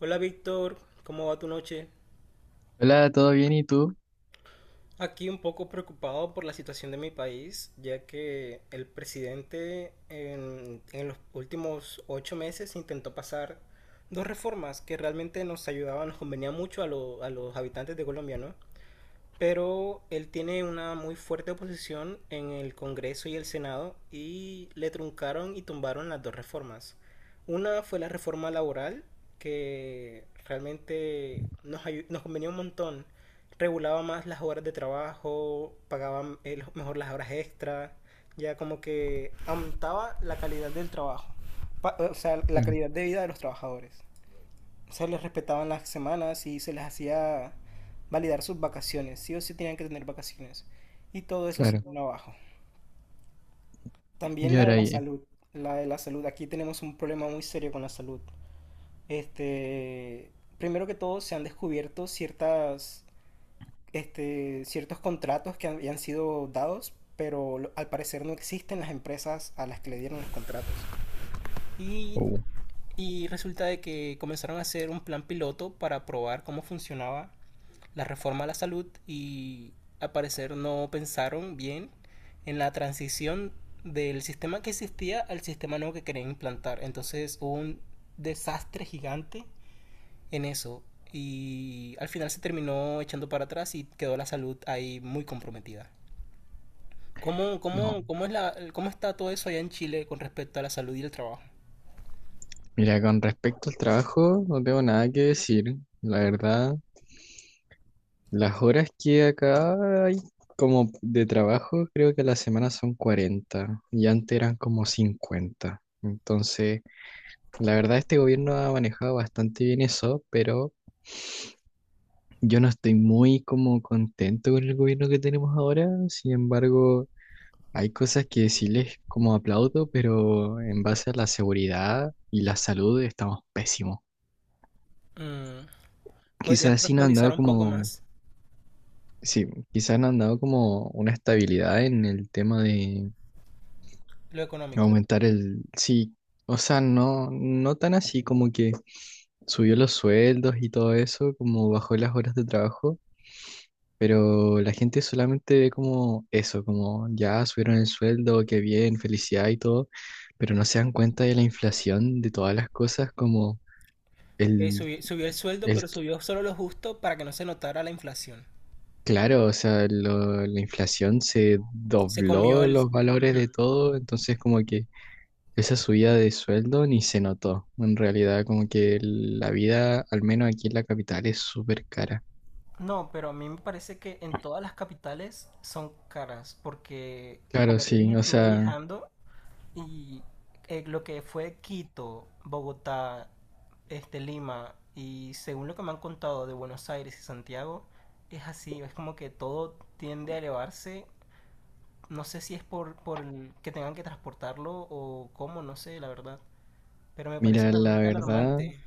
Hola Víctor, ¿cómo va tu noche? Hola, ¿todo bien? ¿Y tú? Aquí un poco preocupado por la situación de mi país, ya que el presidente en los últimos 8 meses intentó pasar dos reformas que realmente nos ayudaban, nos convenía mucho a los habitantes de Colombia, ¿no? Pero él tiene una muy fuerte oposición en el Congreso y el Senado y le truncaron y tumbaron las dos reformas. Una fue la reforma laboral, que realmente nos convenía un montón. Regulaba más las horas de trabajo, pagaba mejor las horas extras, ya como que aumentaba la calidad del trabajo. O sea, la Claro, calidad de vida de los trabajadores se les respetaban las semanas y se les hacía validar sus vacaciones, sí o sí tenían que tener vacaciones. Y todo eso se claro. vino abajo. También Y la de ahora, la oye, salud, la de la salud, aquí tenemos un problema muy serio con la salud. Este, Primero que todo se han descubierto ciertos contratos que habían sido dados, pero al parecer no existen las empresas a las que le dieron los contratos. Y, Uh, y resulta de que comenzaron a hacer un plan piloto para probar cómo funcionaba la reforma a la salud y al parecer no pensaron bien en la transición del sistema que existía al sistema nuevo que querían implantar. Entonces hubo un desastre gigante en eso y al final se terminó echando para atrás y quedó la salud ahí muy comprometida. ¿Cómo, no. cómo, cómo, es la, cómo está todo eso allá en Chile con respecto a la salud y el trabajo? Mira, con respecto al trabajo, no tengo nada que decir. La verdad, las horas que acá hay como de trabajo, creo que a la semana son 40, y antes eran como 50. Entonces, la verdad, este gobierno ha manejado bastante bien eso, pero yo no estoy muy como contento con el gobierno que tenemos ahora. Sin embargo, hay cosas que sí les como aplaudo, pero en base a la seguridad y la salud estamos pésimos. Mm. ¿Podrías Quizás sí no han profundizar dado un poco como, más sí, quizás no han dado como una estabilidad en el tema de lo económico? aumentar el, sí, o sea, no, no tan así como que subió los sueldos y todo eso, como bajó las horas de trabajo. Pero la gente solamente ve como eso, como ya subieron el sueldo, qué bien, felicidad y todo, pero no se dan cuenta de la inflación de todas las cosas, como el, subió el sueldo, el pero subió solo lo justo para que no se notara la inflación. claro, o sea, la inflación se Se comió dobló el... los valores de Ujú. todo, entonces como que esa subida de sueldo ni se notó. En realidad, como que la vida, al menos aquí en la capital, es súper cara. No, pero a mí me parece que en todas las capitales son caras, porque Claro, como te dije, sí, o estuve sea, viajando y lo que fue Quito, Bogotá, este, Lima, y según lo que me han contado de Buenos Aires y Santiago, es así, es como que todo tiende a elevarse. No sé si es por el que tengan que transportarlo o cómo, no sé, la verdad. Pero me parece mira, la realmente verdad, alarmante.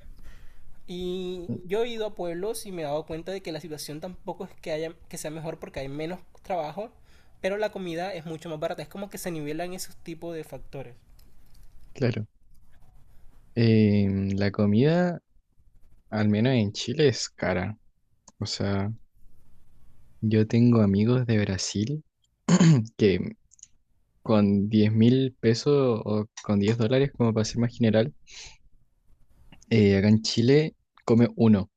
Y yo he ido a pueblos y me he dado cuenta de que la situación tampoco es que haya que sea mejor porque hay menos trabajo, pero la comida es mucho más barata. Es como que se nivelan esos tipos de factores. claro. Eh, la comida al menos en Chile es cara. O sea, yo tengo amigos de Brasil que con 10.000 pesos o con 10 dólares, como para ser más general, acá en Chile come uno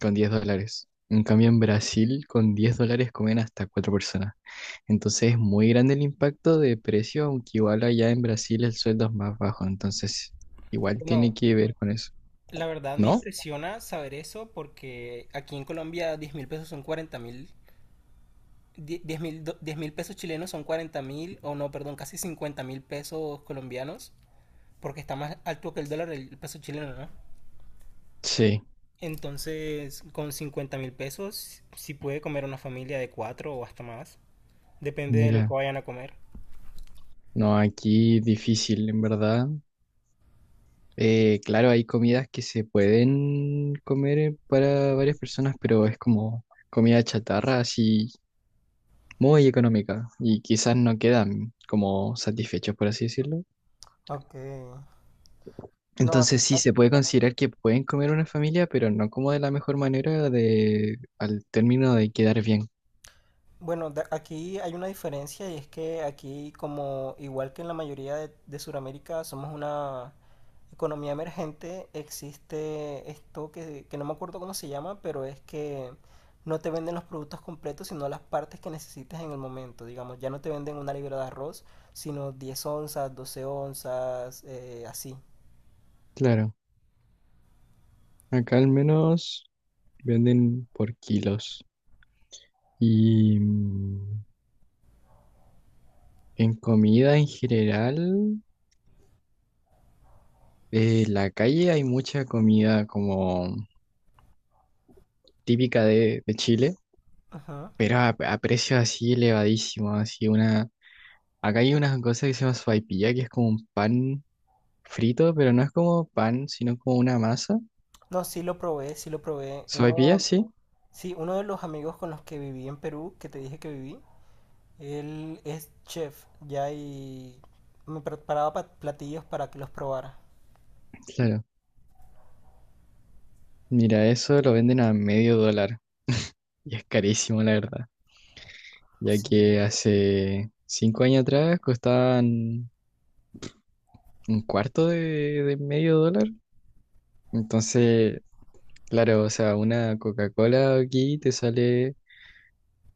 con 10 dólares. En cambio, en Brasil con 10 dólares comen hasta cuatro personas. Entonces es muy grande el impacto de precio, aunque igual allá en Brasil el sueldo es más bajo. Entonces igual tiene Bueno, que ver con eso. la verdad me ¿No? impresiona saber eso porque aquí en Colombia 10.000 pesos son 40.000. Diez mil pesos chilenos son 40.000, o no, perdón, casi 50.000 pesos colombianos, porque está más alto que el dólar el peso chileno, ¿no? Sí, Entonces, con 50.000 pesos, si puede comer una familia de cuatro o hasta más. Depende de lo que mira, vayan a comer. no, aquí difícil, en verdad. Claro, hay comidas que se pueden comer para varias personas, pero es como comida chatarra, así muy económica y quizás no quedan como satisfechos, por así decirlo. Ok. No, aquí, Entonces sí, se puede considerar que pueden comer una familia, pero no como de la mejor manera de al término de quedar bien. bueno, aquí hay una diferencia y es que aquí, como igual que en la mayoría de Sudamérica, somos una economía emergente, existe esto que no me acuerdo cómo se llama, pero es que no te venden los productos completos, sino las partes que necesitas en el momento. Digamos, ya no te venden una libra de arroz, sino 10 onzas, 12 onzas, así. Claro, acá al menos venden por kilos. Y mm, en comida en general, en la calle hay mucha comida como típica de Chile, Ajá. pero a precios así elevadísimos, así una... Acá hay una cosa que se llama sopaipilla, que es como un pan frito, pero no es como pan, sino como una masa. No, sí lo probé, sí lo probé. Sopaipilla, Uno, sí, sí, uno de los amigos con los que viví en Perú, que te dije que viví, él es chef ya y me preparaba platillos para que los probara. claro. Mira, eso lo venden a medio dólar y es carísimo, la verdad, ya Sí. que hace 5 años atrás costaban un cuarto de medio dólar. Entonces, claro, o sea, una Coca-Cola aquí te sale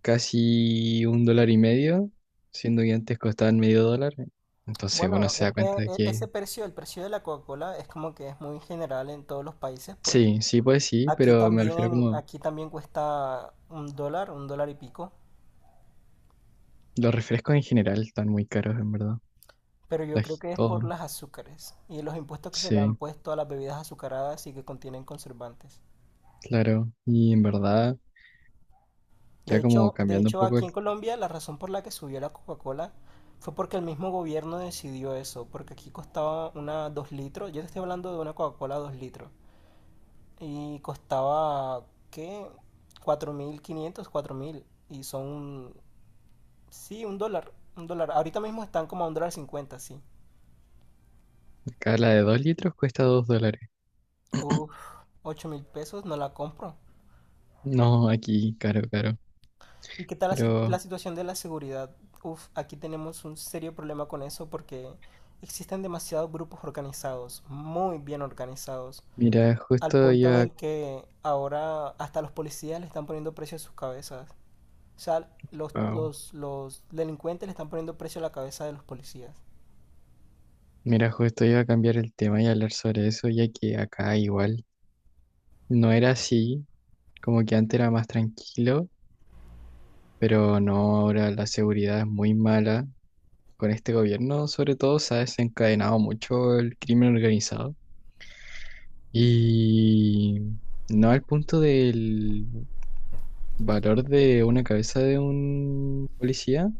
casi un dólar y medio, siendo que antes costaban medio dólar. Entonces uno Bueno, se es da que cuenta de ese que precio, el precio de la Coca-Cola es como que es muy general en todos los países porque sí, sí, pues sí, pero me refiero como aquí también cuesta un dólar y pico, los refrescos en general están muy caros, en verdad. pero yo creo que es Todo. por las azúcares y los impuestos que se le han Sí, puesto a las bebidas azucaradas y que contienen conservantes. claro. Y en verdad, De ya como hecho, de cambiando un hecho, poco, aquí en Colombia la razón por la que subió la Coca-Cola fue porque el mismo gobierno decidió eso, porque aquí costaba una 2 litros, yo te estoy hablando de una Coca-Cola 2 litros, y costaba, ¿qué? 4.500, 4.000 y son, sí, un dólar, un dólar. Ahorita mismo están como a un dólar cincuenta, sí. acá la de 2 litros cuesta 2 dólares. Uf, 8.000 pesos, no la compro. No, aquí, caro, caro. ¿Y qué tal la, Pero la situación de la seguridad? Uf, aquí tenemos un serio problema con eso porque existen demasiados grupos organizados, muy bien organizados, mira, al punto en el que ahora hasta los policías le están poniendo precio a sus cabezas. O sea, los, wow. los, los delincuentes le están poniendo precio a la cabeza de los policías. Mira, justo iba a cambiar el tema y hablar sobre eso, ya que acá igual no era así. Como que antes era más tranquilo, pero no, ahora la seguridad es muy mala. Con este gobierno, sobre todo, se ha desencadenado mucho el crimen organizado. Y no al punto del valor de una cabeza de un policía,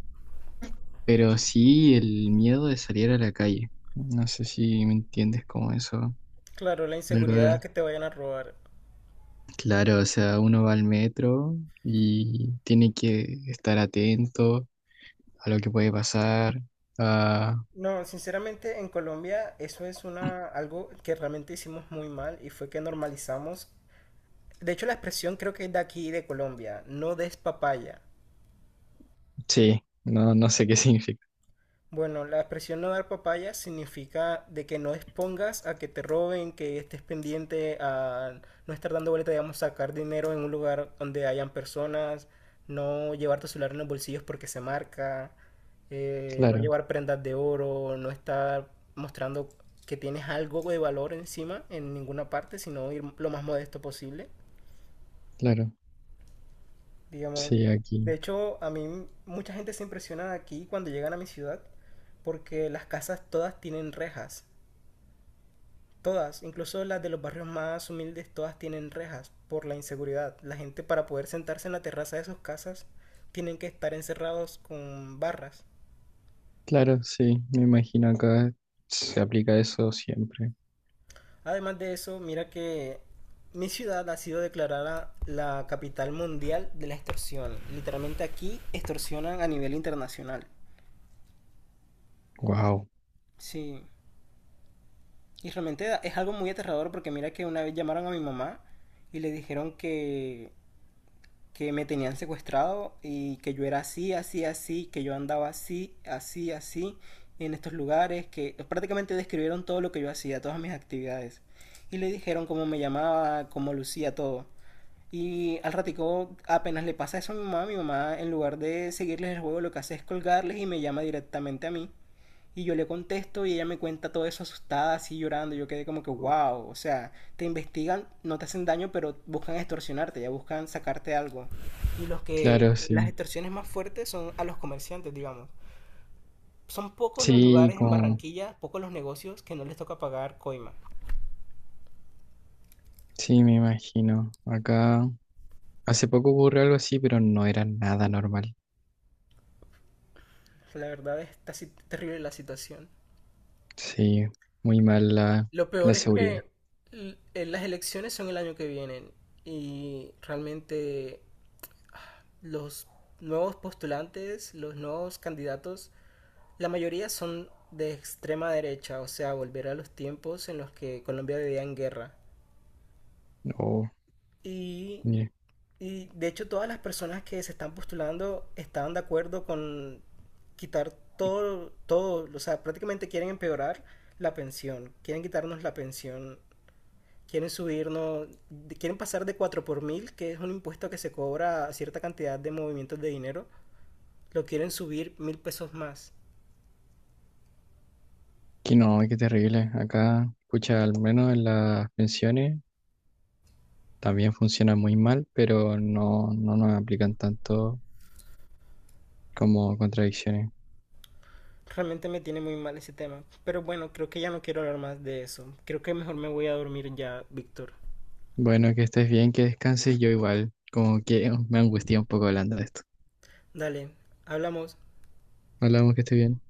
pero sí el miedo de salir a la calle. No sé si me entiendes como eso. Claro, la De ¿Verdad? inseguridad que te vayan a robar. Claro, o sea, uno va al metro y tiene que estar atento a lo que puede pasar. Ah, No, sinceramente en Colombia eso es una algo que realmente hicimos muy mal y fue que normalizamos. De hecho, la expresión creo que es de aquí, de Colombia. No des papaya. sí, no, no sé qué significa. Bueno, la expresión no dar papaya significa de que no expongas a que te roben, que estés pendiente a no estar dando vuelta, digamos, sacar dinero en un lugar donde hayan personas, no llevar tu celular en los bolsillos porque se marca, no Claro, llevar prendas de oro, no estar mostrando que tienes algo de valor encima en ninguna parte, sino ir lo más modesto posible, claro, digamos. sí, De aquí. hecho, a mí mucha gente se impresiona aquí cuando llegan a mi ciudad porque las casas todas tienen rejas. Todas, incluso las de los barrios más humildes, todas tienen rejas por la inseguridad. La gente para poder sentarse en la terraza de sus casas tienen que estar encerrados con barras. Claro, sí, me imagino acá se aplica eso siempre. Además de eso, mira que mi ciudad ha sido declarada la capital mundial de la extorsión. Literalmente aquí extorsionan a nivel internacional. Wow, Sí. Y realmente es algo muy aterrador porque mira que una vez llamaron a mi mamá y le dijeron que me tenían secuestrado y que yo era así, así, así, que yo andaba así, así, así, en estos lugares, que prácticamente describieron todo lo que yo hacía, todas mis actividades. Y le dijeron cómo me llamaba, cómo lucía todo. Y al ratico apenas le pasa eso a mi mamá en lugar de seguirles el juego lo que hace es colgarles y me llama directamente a mí. Y yo le contesto y ella me cuenta todo eso asustada, así llorando. Yo quedé como que, wow, o sea, te investigan, no te hacen daño, pero buscan extorsionarte, ya buscan sacarte algo. Y los que claro, las sí. extorsiones más fuertes son a los comerciantes, digamos. Son pocos los Sí, lugares en como, Barranquilla, pocos los negocios que no les toca pagar coima. sí, me imagino. Acá hace poco ocurrió algo así, pero no era nada normal. La verdad está así terrible la situación. Sí, muy mal la, Lo la peor es seguridad. que las elecciones son el año que viene y realmente los nuevos postulantes, los nuevos candidatos, la mayoría son de extrema derecha, o sea, volver a los tiempos en los que Colombia vivía en guerra. Oh, Y, mire, y de hecho todas las personas que se están postulando estaban de acuerdo con quitar todo, todo, o sea, prácticamente quieren empeorar la pensión, quieren quitarnos la pensión, quieren subirnos, quieren pasar de 4 por mil, que es un impuesto que se cobra a cierta cantidad de movimientos de dinero, lo quieren subir 1.000 pesos más. que no, qué terrible. Acá, escucha, al menos en las pensiones también funcionan muy mal, pero no, no nos aplican tanto como contradicciones. Realmente me tiene muy mal ese tema. Pero bueno, creo que ya no quiero hablar más de eso. Creo que mejor me voy a dormir ya, Víctor. Bueno, que estés bien, que descanses, yo igual, como que me angustia un poco hablando de esto. Dale, hablamos. Hablamos que estés bien.